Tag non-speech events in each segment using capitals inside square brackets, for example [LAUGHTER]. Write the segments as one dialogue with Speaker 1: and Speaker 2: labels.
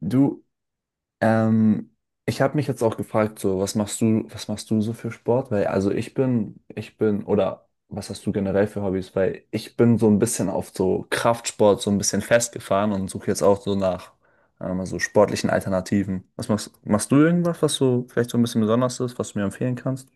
Speaker 1: Du, ähm, Ich habe mich jetzt auch gefragt, so, was machst du so für Sport? Weil, also ich bin, oder was hast du generell für Hobbys? Weil ich bin so ein bisschen auf so Kraftsport so ein bisschen festgefahren und suche jetzt auch so nach so sportlichen Alternativen. Was machst du irgendwas, was so vielleicht so ein bisschen besonders ist, was du mir empfehlen kannst?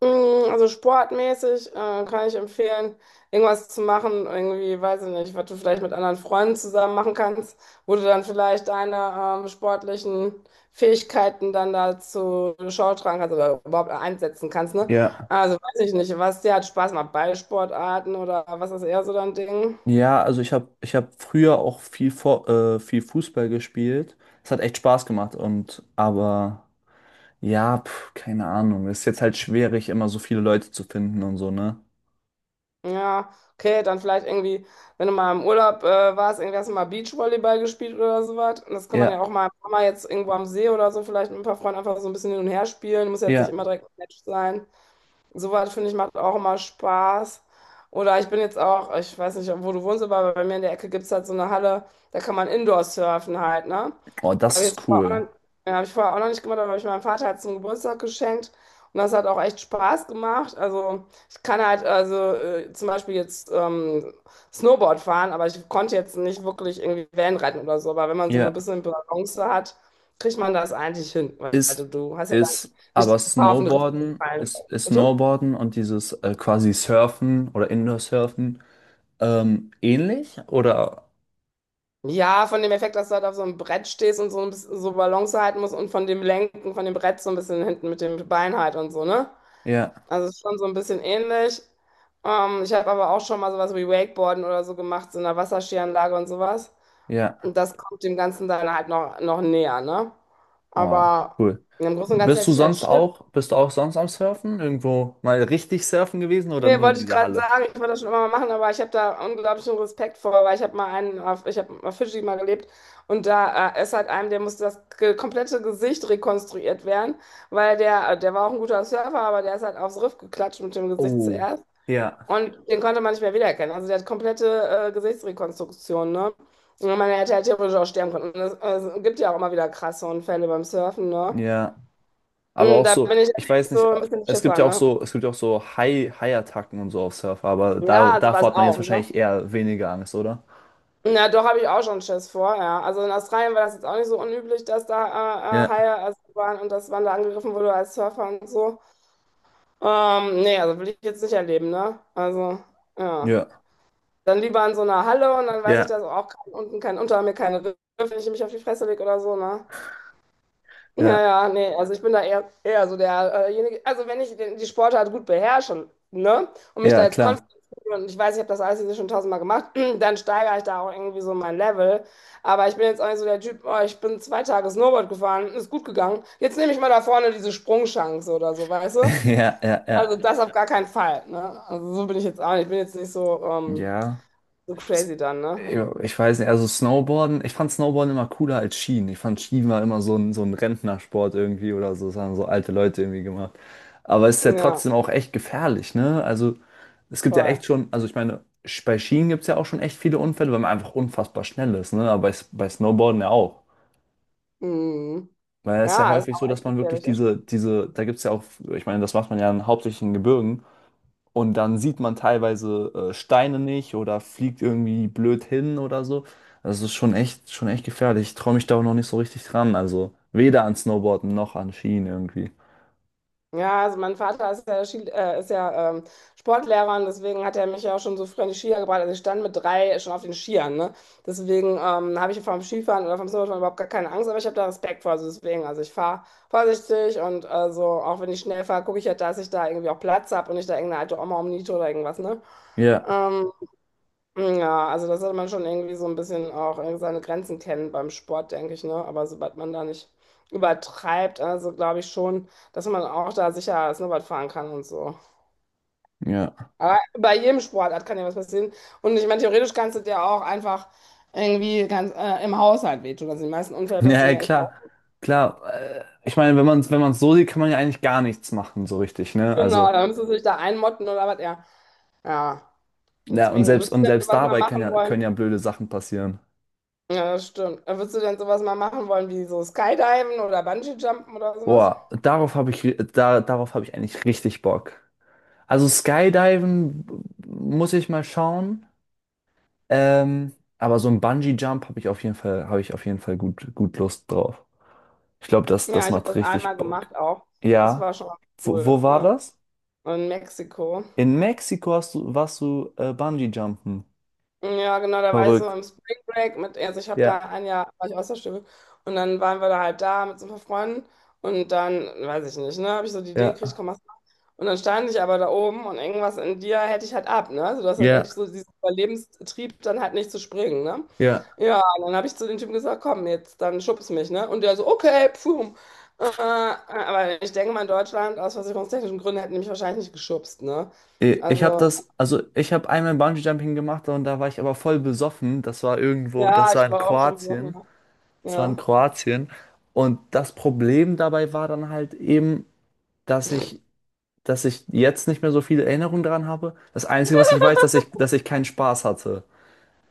Speaker 2: Also sportmäßig kann ich empfehlen, irgendwas zu machen, irgendwie, weiß ich nicht, was du vielleicht mit anderen Freunden zusammen machen kannst, wo du dann vielleicht deine sportlichen Fähigkeiten dann dazu Schau tragen kannst oder überhaupt einsetzen kannst, ne?
Speaker 1: Ja,
Speaker 2: Also weiß ich nicht, was dir hat Spaß macht, Ballsportarten oder was ist eher so dein Ding?
Speaker 1: ja, also ich hab früher auch viel Fußball gespielt. Es hat echt Spaß gemacht und aber ja, pf, keine Ahnung. Ist jetzt halt schwierig, immer so viele Leute zu finden und so, ne?
Speaker 2: Ja, okay, dann vielleicht irgendwie, wenn du mal im Urlaub warst, irgendwie hast du mal Beachvolleyball gespielt oder sowas. Und das kann man ja
Speaker 1: Ja,
Speaker 2: auch mal im Sommer jetzt irgendwo am See oder so vielleicht mit ein paar Freunden einfach so ein bisschen hin und her spielen. Muss jetzt nicht
Speaker 1: ja.
Speaker 2: immer direkt ein Match sein. Sowas finde ich macht auch immer Spaß. Oder ich bin jetzt auch, ich weiß nicht, wo du wohnst, aber bei mir in der Ecke gibt es halt so eine Halle, da kann man Indoor surfen halt, ne?
Speaker 1: Oh, das
Speaker 2: Habe ich
Speaker 1: ist
Speaker 2: jetzt vorher
Speaker 1: cool.
Speaker 2: auch noch, ja, hab ich vorher auch noch nicht gemacht, aber habe ich meinem Vater halt zum Geburtstag geschenkt. Und das hat auch echt Spaß gemacht. Also ich kann halt, also zum Beispiel jetzt Snowboard fahren, aber ich konnte jetzt nicht wirklich irgendwie Wellenreiten oder so. Aber wenn man so ein
Speaker 1: Ja.
Speaker 2: bisschen Balance hat, kriegt man das eigentlich hin. Weil du,
Speaker 1: Ist,
Speaker 2: du hast ja dann nicht
Speaker 1: aber
Speaker 2: die Gefahr, auf den Riss zu
Speaker 1: Snowboarden,
Speaker 2: fallen.
Speaker 1: ist, ist
Speaker 2: Bitte?
Speaker 1: Snowboarden und dieses quasi Surfen oder Indoor-Surfen ähnlich? Oder?
Speaker 2: Ja, von dem Effekt, dass du halt auf so einem Brett stehst und so ein bisschen so Balance halten musst und von dem Lenken von dem Brett so ein bisschen hinten mit dem Bein halt und so, ne?
Speaker 1: Ja,
Speaker 2: Also ist schon so ein bisschen ähnlich. Ich habe aber auch schon mal sowas wie Wakeboarden oder so gemacht, so in einer Wasserskianlage und sowas.
Speaker 1: ja.
Speaker 2: Und das kommt dem Ganzen dann halt noch näher, ne?
Speaker 1: Oh,
Speaker 2: Aber
Speaker 1: cool.
Speaker 2: im Großen und Ganzen
Speaker 1: Bist
Speaker 2: hätte
Speaker 1: du
Speaker 2: ich halt
Speaker 1: sonst
Speaker 2: Schiss.
Speaker 1: auch, bist du auch sonst am Surfen? Irgendwo mal richtig surfen gewesen oder
Speaker 2: Nee,
Speaker 1: nur in
Speaker 2: wollte ich
Speaker 1: dieser
Speaker 2: gerade
Speaker 1: Halle?
Speaker 2: sagen, ich wollte das schon immer mal machen, aber ich habe da unglaublichen Respekt vor, weil ich habe mal einen auf, ich habe auf Fidschi mal gelebt und da ist halt einem, der musste das komplette Gesicht rekonstruiert werden, weil der, der war auch ein guter Surfer, aber der ist halt aufs Riff geklatscht mit dem Gesicht
Speaker 1: Oh,
Speaker 2: zuerst
Speaker 1: ja,
Speaker 2: und den konnte man nicht mehr wiedererkennen. Also der hat komplette Gesichtsrekonstruktion, ne? Und man hätte halt theoretisch auch sterben können. Und es gibt ja auch immer wieder krasse Unfälle beim Surfen, ne?
Speaker 1: ja. Aber
Speaker 2: Und
Speaker 1: auch
Speaker 2: da
Speaker 1: so,
Speaker 2: bin ich halt
Speaker 1: ich weiß
Speaker 2: echt
Speaker 1: nicht,
Speaker 2: so ein bisschen
Speaker 1: es gibt
Speaker 2: Schisser,
Speaker 1: ja auch
Speaker 2: ne?
Speaker 1: so, es gibt ja auch so Haiattacken und so auf Surfer, aber
Speaker 2: Ja, sowas
Speaker 1: davor hat man jetzt
Speaker 2: auch, ne?
Speaker 1: wahrscheinlich eher weniger Angst, oder?
Speaker 2: Na, doch habe ich auch schon Schiss vor, ja. Also in Australien war das jetzt auch nicht so unüblich, dass da
Speaker 1: Ja,
Speaker 2: Haie also waren und dass man da angegriffen wurde als Surfer und so. Nee, also will ich jetzt nicht erleben, ne? Also, ja.
Speaker 1: ja,
Speaker 2: Dann lieber in so einer Halle und dann weiß ich, dass
Speaker 1: ja,
Speaker 2: auch kein, unten kein, unter mir keine Riffe, wenn ich mich auf die Fresse lege oder so, ne? Ja,
Speaker 1: ja,
Speaker 2: ja, nee, also ich bin da eher so derjenige, also wenn ich den, die Sportart gut beherrsche, ne, und mich da
Speaker 1: ja,
Speaker 2: jetzt
Speaker 1: klar.
Speaker 2: konzentriere und ich weiß, ich habe das alles jetzt schon tausendmal gemacht, [CLEARS THROAT] dann steigere ich da auch irgendwie so mein Level. Aber ich bin jetzt auch nicht so der Typ, oh, ich bin zwei Tage Snowboard gefahren, ist gut gegangen. Jetzt nehme ich mal da vorne diese Sprungchance oder so, weißt du?
Speaker 1: [LAUGHS] Ja, ja, ja.
Speaker 2: Also das auf gar keinen Fall, ne? Also so bin ich jetzt auch nicht. Ich bin jetzt nicht so,
Speaker 1: Ja.
Speaker 2: so crazy
Speaker 1: S-
Speaker 2: dann, ne?
Speaker 1: ja, ich weiß nicht, also Snowboarden, ich fand Snowboarden immer cooler als Skien. Ich fand Skien war immer so ein Rentnersport irgendwie oder so, das haben so alte Leute irgendwie gemacht. Aber es ist ja
Speaker 2: Ja,
Speaker 1: trotzdem auch echt gefährlich, ne? Also es gibt ja echt
Speaker 2: voll.
Speaker 1: schon, also ich meine, bei Skien gibt es ja auch schon echt viele Unfälle, weil man einfach unfassbar schnell ist, ne? Aber bei Snowboarden ja auch.
Speaker 2: Mhm.
Speaker 1: Weil es ist ja
Speaker 2: Ja, ist
Speaker 1: häufig so,
Speaker 2: auch
Speaker 1: dass
Speaker 2: echt
Speaker 1: man wirklich
Speaker 2: gefährlich, das.
Speaker 1: da gibt es ja auch, ich meine, das macht man ja hauptsächlich in Gebirgen, und dann sieht man teilweise Steine nicht oder fliegt irgendwie blöd hin oder so. Das ist schon echt gefährlich. Ich traue mich da auch noch nicht so richtig dran. Also weder an Snowboarden noch an Skien irgendwie.
Speaker 2: Ja, also mein Vater ist ja, Ski, ist ja Sportlehrer und deswegen hat er mich ja auch schon so früh an die Skier gebracht. Also ich stand mit drei schon auf den Skiern, ne? Deswegen habe ich vom Skifahren oder vom Snowboarden überhaupt gar keine Angst, aber ich habe da Respekt vor. Also deswegen, also ich fahre vorsichtig und also auch wenn ich schnell fahre, gucke ich ja, dass ich da irgendwie auch Platz habe und nicht da irgendeine alte Oma umniete oder irgendwas, ne?
Speaker 1: Ja,
Speaker 2: Ähm, ja, also das sollte man schon irgendwie so ein bisschen auch irgendwie seine Grenzen kennen beim Sport, denke ich, ne? Aber sobald man da nicht übertreibt, also glaube ich schon, dass man auch da sicher Snowboard fahren kann und so.
Speaker 1: ja. [LAUGHS]
Speaker 2: Aber bei jedem Sportart kann ja was passieren. Und ich meine, theoretisch kannst du dir auch einfach irgendwie ganz im Haushalt wehtun. Also die meisten Unfälle passieren
Speaker 1: Ja,
Speaker 2: ja echt
Speaker 1: klar,
Speaker 2: auch.
Speaker 1: klar. Ich meine, wenn man so sieht, kann man ja eigentlich gar nichts machen, so richtig, ne?
Speaker 2: Genau,
Speaker 1: Also,
Speaker 2: da müssen du dich da einmotten oder was, ja. Ja,
Speaker 1: ja, und
Speaker 2: deswegen, würdest du denn
Speaker 1: selbst
Speaker 2: sowas mal
Speaker 1: dabei
Speaker 2: machen
Speaker 1: können
Speaker 2: wollen?
Speaker 1: ja blöde Sachen passieren.
Speaker 2: Ja, das stimmt. Würdest du denn sowas mal machen wollen, wie so Skydiven oder Bungee-Jumpen oder sowas?
Speaker 1: Boah, darauf habe ich, ri- da, darauf habe ich eigentlich richtig Bock. Also Skydiven muss ich mal schauen. Ähm, aber so ein Bungee-Jump habe ich auf jeden Fall, habe ich auf jeden Fall gut, gut Lust drauf. Ich glaube,
Speaker 2: Ja,
Speaker 1: das
Speaker 2: ich habe
Speaker 1: macht
Speaker 2: das einmal
Speaker 1: richtig Bock.
Speaker 2: gemacht auch. Das war
Speaker 1: Ja.
Speaker 2: schon cool,
Speaker 1: Wo war
Speaker 2: ja.
Speaker 1: das?
Speaker 2: In Mexiko.
Speaker 1: In Mexiko hast du, warst du Bungee-Jumpen.
Speaker 2: Ja, genau, da war ich so
Speaker 1: Verrückt.
Speaker 2: im Spring Break mit, also ich habe da
Speaker 1: Ja,
Speaker 2: ein Jahr, war ich Austauschschülerin und dann waren wir da halt da mit so ein paar Freunden und dann, weiß ich nicht, ne, habe ich so die Idee gekriegt,
Speaker 1: ja,
Speaker 2: komm, mach's mal. Und dann stand ich aber da oben und irgendwas in dir hätte ich halt ab, ne, also du hast halt echt
Speaker 1: ja,
Speaker 2: so diesen Überlebenstrieb, dann halt nicht zu springen, ne.
Speaker 1: ja.
Speaker 2: Ja, und dann habe ich zu dem Typen gesagt, komm, jetzt, dann schubst mich, ne, und der so, okay, pfum. Aber ich denke mal, in Deutschland, aus versicherungstechnischen Gründen, hätten die mich wahrscheinlich nicht geschubst, ne,
Speaker 1: Ich habe
Speaker 2: also,
Speaker 1: das, also ich habe einmal Bungee-Jumping gemacht und da war ich aber voll besoffen. Das war irgendwo,
Speaker 2: ja,
Speaker 1: das war
Speaker 2: ich
Speaker 1: in
Speaker 2: war auch schon besoffen,
Speaker 1: Kroatien.
Speaker 2: ja.
Speaker 1: Das war in
Speaker 2: Ja.
Speaker 1: Kroatien. Und das Problem dabei war dann halt eben, dass ich dass ich jetzt nicht mehr so viele Erinnerungen daran habe. Das Einzige, was ich weiß, dass ich keinen Spaß hatte.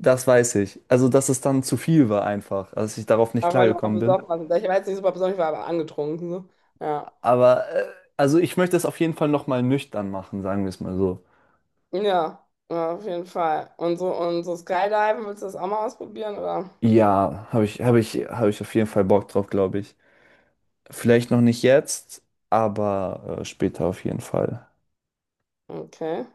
Speaker 1: Das weiß ich. Also, dass es dann zu viel war einfach, dass ich darauf nicht
Speaker 2: Ja, weil du auch
Speaker 1: klargekommen bin.
Speaker 2: besoffen warst. Ich weiß nicht super besoffen, ich war aber angetrunken. So. Ja.
Speaker 1: Aber, also ich möchte es auf jeden Fall nochmal nüchtern machen, sagen wir es mal so.
Speaker 2: Ja, ja, auf jeden Fall. Und so Skydiven, willst du das auch mal ausprobieren, oder?
Speaker 1: Ja, habe ich auf jeden Fall Bock drauf, glaube ich. Vielleicht noch nicht jetzt, aber später auf jeden Fall.
Speaker 2: Okay.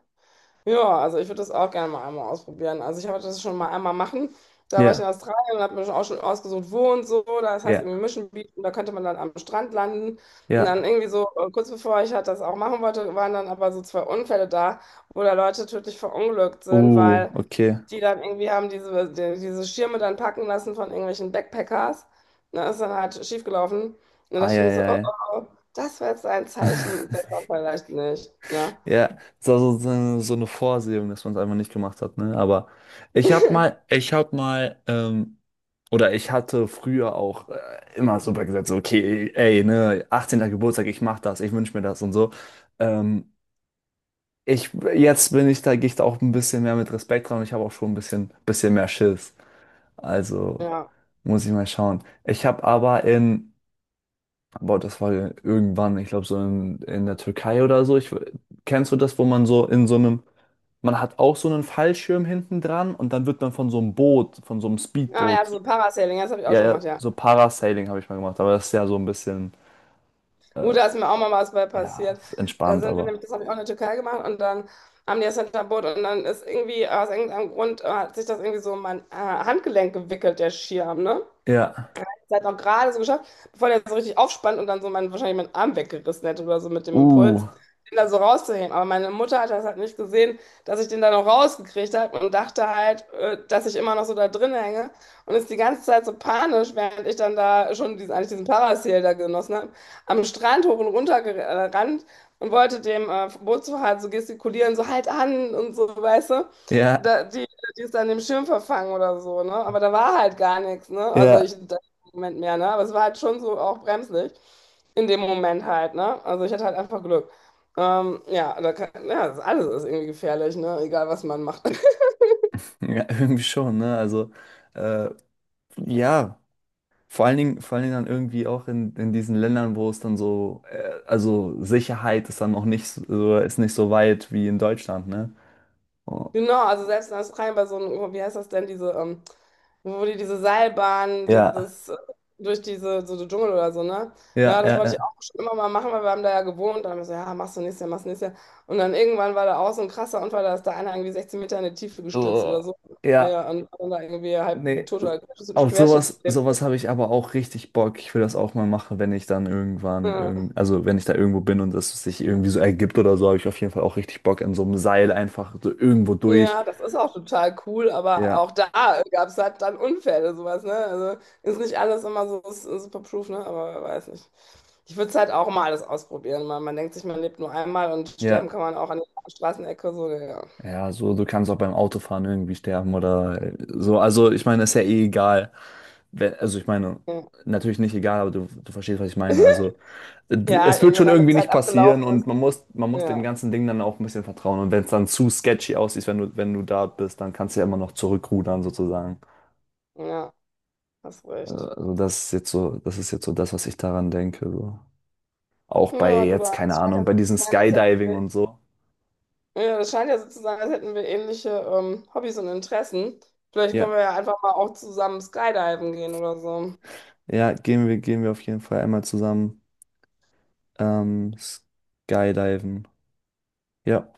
Speaker 2: Ja, also ich würde das auch gerne mal einmal ausprobieren. Also ich wollte das schon mal einmal machen. Da war ich in
Speaker 1: Ja,
Speaker 2: Australien und habe mir schon auch schon ausgesucht, wo und so. Das heißt
Speaker 1: ja,
Speaker 2: irgendwie Mission Beach und da könnte man dann am Strand landen. Und dann
Speaker 1: ja.
Speaker 2: irgendwie so, kurz bevor ich halt das auch machen wollte, waren dann aber so zwei Unfälle da, wo da Leute tödlich verunglückt sind, weil
Speaker 1: Okay.
Speaker 2: die dann irgendwie haben diese Schirme dann packen lassen von irgendwelchen Backpackers. Und dann ist dann halt schiefgelaufen. Und dann dachte ich mir so, oh, oh,
Speaker 1: Eieiei.
Speaker 2: oh, das war jetzt ein
Speaker 1: [LAUGHS]
Speaker 2: Zeichen, besser vielleicht nicht. Ne?
Speaker 1: Ja, so, so, so eine Vorsehung, dass man es einfach nicht gemacht hat, ne? Aber ich habe mal, ich habe mal, ähm, oder ich hatte früher auch immer super gesagt, so, okay, ey, ne, 18. Geburtstag, ich mach das, ich wünsch mir das und so. Ähm, jetzt bin ich da, gehe ich da auch ein bisschen mehr mit Respekt dran und ich habe auch schon bisschen mehr Schiss. Also
Speaker 2: Ja.
Speaker 1: muss ich mal schauen. Ich habe aber in Aber das war ja irgendwann, ich glaube, so in der Türkei oder so. Ich, kennst du das, wo man so in so einem, man hat auch so einen Fallschirm hinten dran und dann wird man von so einem Boot, von so einem
Speaker 2: Ah ja,
Speaker 1: Speedboot,
Speaker 2: so Parasailing, das habe ich auch
Speaker 1: ja,
Speaker 2: schon
Speaker 1: ja,
Speaker 2: gemacht, ja.
Speaker 1: so Parasailing habe ich mal gemacht, aber das ist ja so ein bisschen, äh,
Speaker 2: Gut, da ist mir auch mal was bei
Speaker 1: ja,
Speaker 2: passiert.
Speaker 1: ist
Speaker 2: Da
Speaker 1: entspannt,
Speaker 2: sind wir
Speaker 1: aber.
Speaker 2: nämlich, das habe ich auch in der Türkei gemacht und dann haben die das Hinterboot und dann ist irgendwie aus irgendeinem Grund hat sich das irgendwie so um mein Handgelenk gewickelt, der Schirm, ne?
Speaker 1: Ja.
Speaker 2: Zeit auch gerade so geschafft, bevor der so richtig aufspannt und dann so mein, wahrscheinlich meinen Arm weggerissen hätte oder so mit dem Impuls,
Speaker 1: Uh,
Speaker 2: den da so rauszuheben. Aber meine Mutter hat das halt nicht gesehen, dass ich den da noch rausgekriegt habe und dachte halt, dass ich immer noch so da drin hänge und ist die ganze Zeit so panisch, während ich dann da schon diesen, eigentlich diesen Parasail da genossen habe, am Strand hoch und runter gerannt und wollte dem Bootsfahrer so gestikulieren, so halt an und so, weißt du.
Speaker 1: ja,
Speaker 2: Da, die ist an dem Schirm verfangen oder so, ne? Aber da war halt gar nichts, ne? Also
Speaker 1: ja,
Speaker 2: ich, da, Moment mehr, ne? Aber es war halt schon so auch bremslich in dem Moment halt, ne? Also ich hatte halt einfach Glück. Ja, da kann, ja, das alles ist irgendwie gefährlich, ne? Egal, was man macht. [LAUGHS]
Speaker 1: ja, [LAUGHS] irgendwie schon, ne? Also, äh, ja. Vor allen Dingen dann irgendwie auch in diesen Ländern, wo es dann so, also Sicherheit ist dann noch nicht so, ist nicht so weit wie in Deutschland, ne? Oh,
Speaker 2: Genau, also selbst in Australien bei so einem, wie heißt das denn, diese, wo die diese Seilbahn,
Speaker 1: ja,
Speaker 2: dieses, durch diese, so den Dschungel oder so, ne?
Speaker 1: ja,
Speaker 2: Ja, das
Speaker 1: ja,
Speaker 2: wollte ich
Speaker 1: ja.
Speaker 2: auch schon immer mal machen, weil wir haben da ja gewohnt. Dann haben wir so, ja, machst du nächstes Jahr, machst du nächstes Jahr. Und dann irgendwann war da auch so ein krasser Unfall, da ist da einer irgendwie 16 Meter in die Tiefe gestürzt oder
Speaker 1: Oh,
Speaker 2: so.
Speaker 1: ja,
Speaker 2: Ja, und dann da irgendwie halb
Speaker 1: nee.
Speaker 2: tot oder
Speaker 1: Auf sowas,
Speaker 2: querschnittsgelähmt.
Speaker 1: sowas habe ich aber auch richtig Bock. Ich will das auch mal machen, wenn ich dann irgendwann,
Speaker 2: Ja,
Speaker 1: irgend, also wenn ich da irgendwo bin und das sich irgendwie so ergibt oder so, habe ich auf jeden Fall auch richtig Bock in so einem Seil einfach so irgendwo durch.
Speaker 2: ja, das ist auch total cool, aber
Speaker 1: Ja,
Speaker 2: auch da gab es halt dann Unfälle, sowas, ne? Also ist nicht alles immer so super, ne? Aber weiß nicht. Ich würde es halt auch mal alles ausprobieren. Man denkt sich, man lebt nur einmal und sterben
Speaker 1: ja.
Speaker 2: kann man auch an der Straßenecke, so, ja.
Speaker 1: Ja, so, du kannst auch beim Autofahren irgendwie sterben oder so. Also, ich meine, ist ja eh egal. Also, ich meine,
Speaker 2: Ja,
Speaker 1: natürlich nicht egal, aber du verstehst, was ich meine.
Speaker 2: [LAUGHS]
Speaker 1: Also,
Speaker 2: ja
Speaker 1: es
Speaker 2: halt
Speaker 1: wird
Speaker 2: irgendwann
Speaker 1: schon
Speaker 2: dann eine
Speaker 1: irgendwie
Speaker 2: Zeit
Speaker 1: nicht passieren
Speaker 2: abgelaufen ist.
Speaker 1: und man muss dem
Speaker 2: Ja,
Speaker 1: ganzen Ding dann auch ein bisschen vertrauen. Und wenn es dann zu sketchy aussieht, wenn du da bist, dann kannst du ja immer noch zurückrudern, sozusagen.
Speaker 2: ja, hast recht.
Speaker 1: Also, das ist jetzt so das, was ich daran denke. So. Auch bei
Speaker 2: Ja, du,
Speaker 1: jetzt,
Speaker 2: da.
Speaker 1: keine
Speaker 2: Es scheint ja
Speaker 1: Ahnung, bei
Speaker 2: so zu
Speaker 1: diesem
Speaker 2: sein, als hätten
Speaker 1: Skydiving
Speaker 2: wir.
Speaker 1: und so.
Speaker 2: Ja, das scheint ja so zu sein, als hätten wir ähnliche Hobbys und Interessen. Vielleicht können wir
Speaker 1: Ja,
Speaker 2: ja einfach mal auch zusammen skydiven gehen oder so.
Speaker 1: ja, gehen wir auf jeden Fall einmal zusammen. Skydiven. Ja.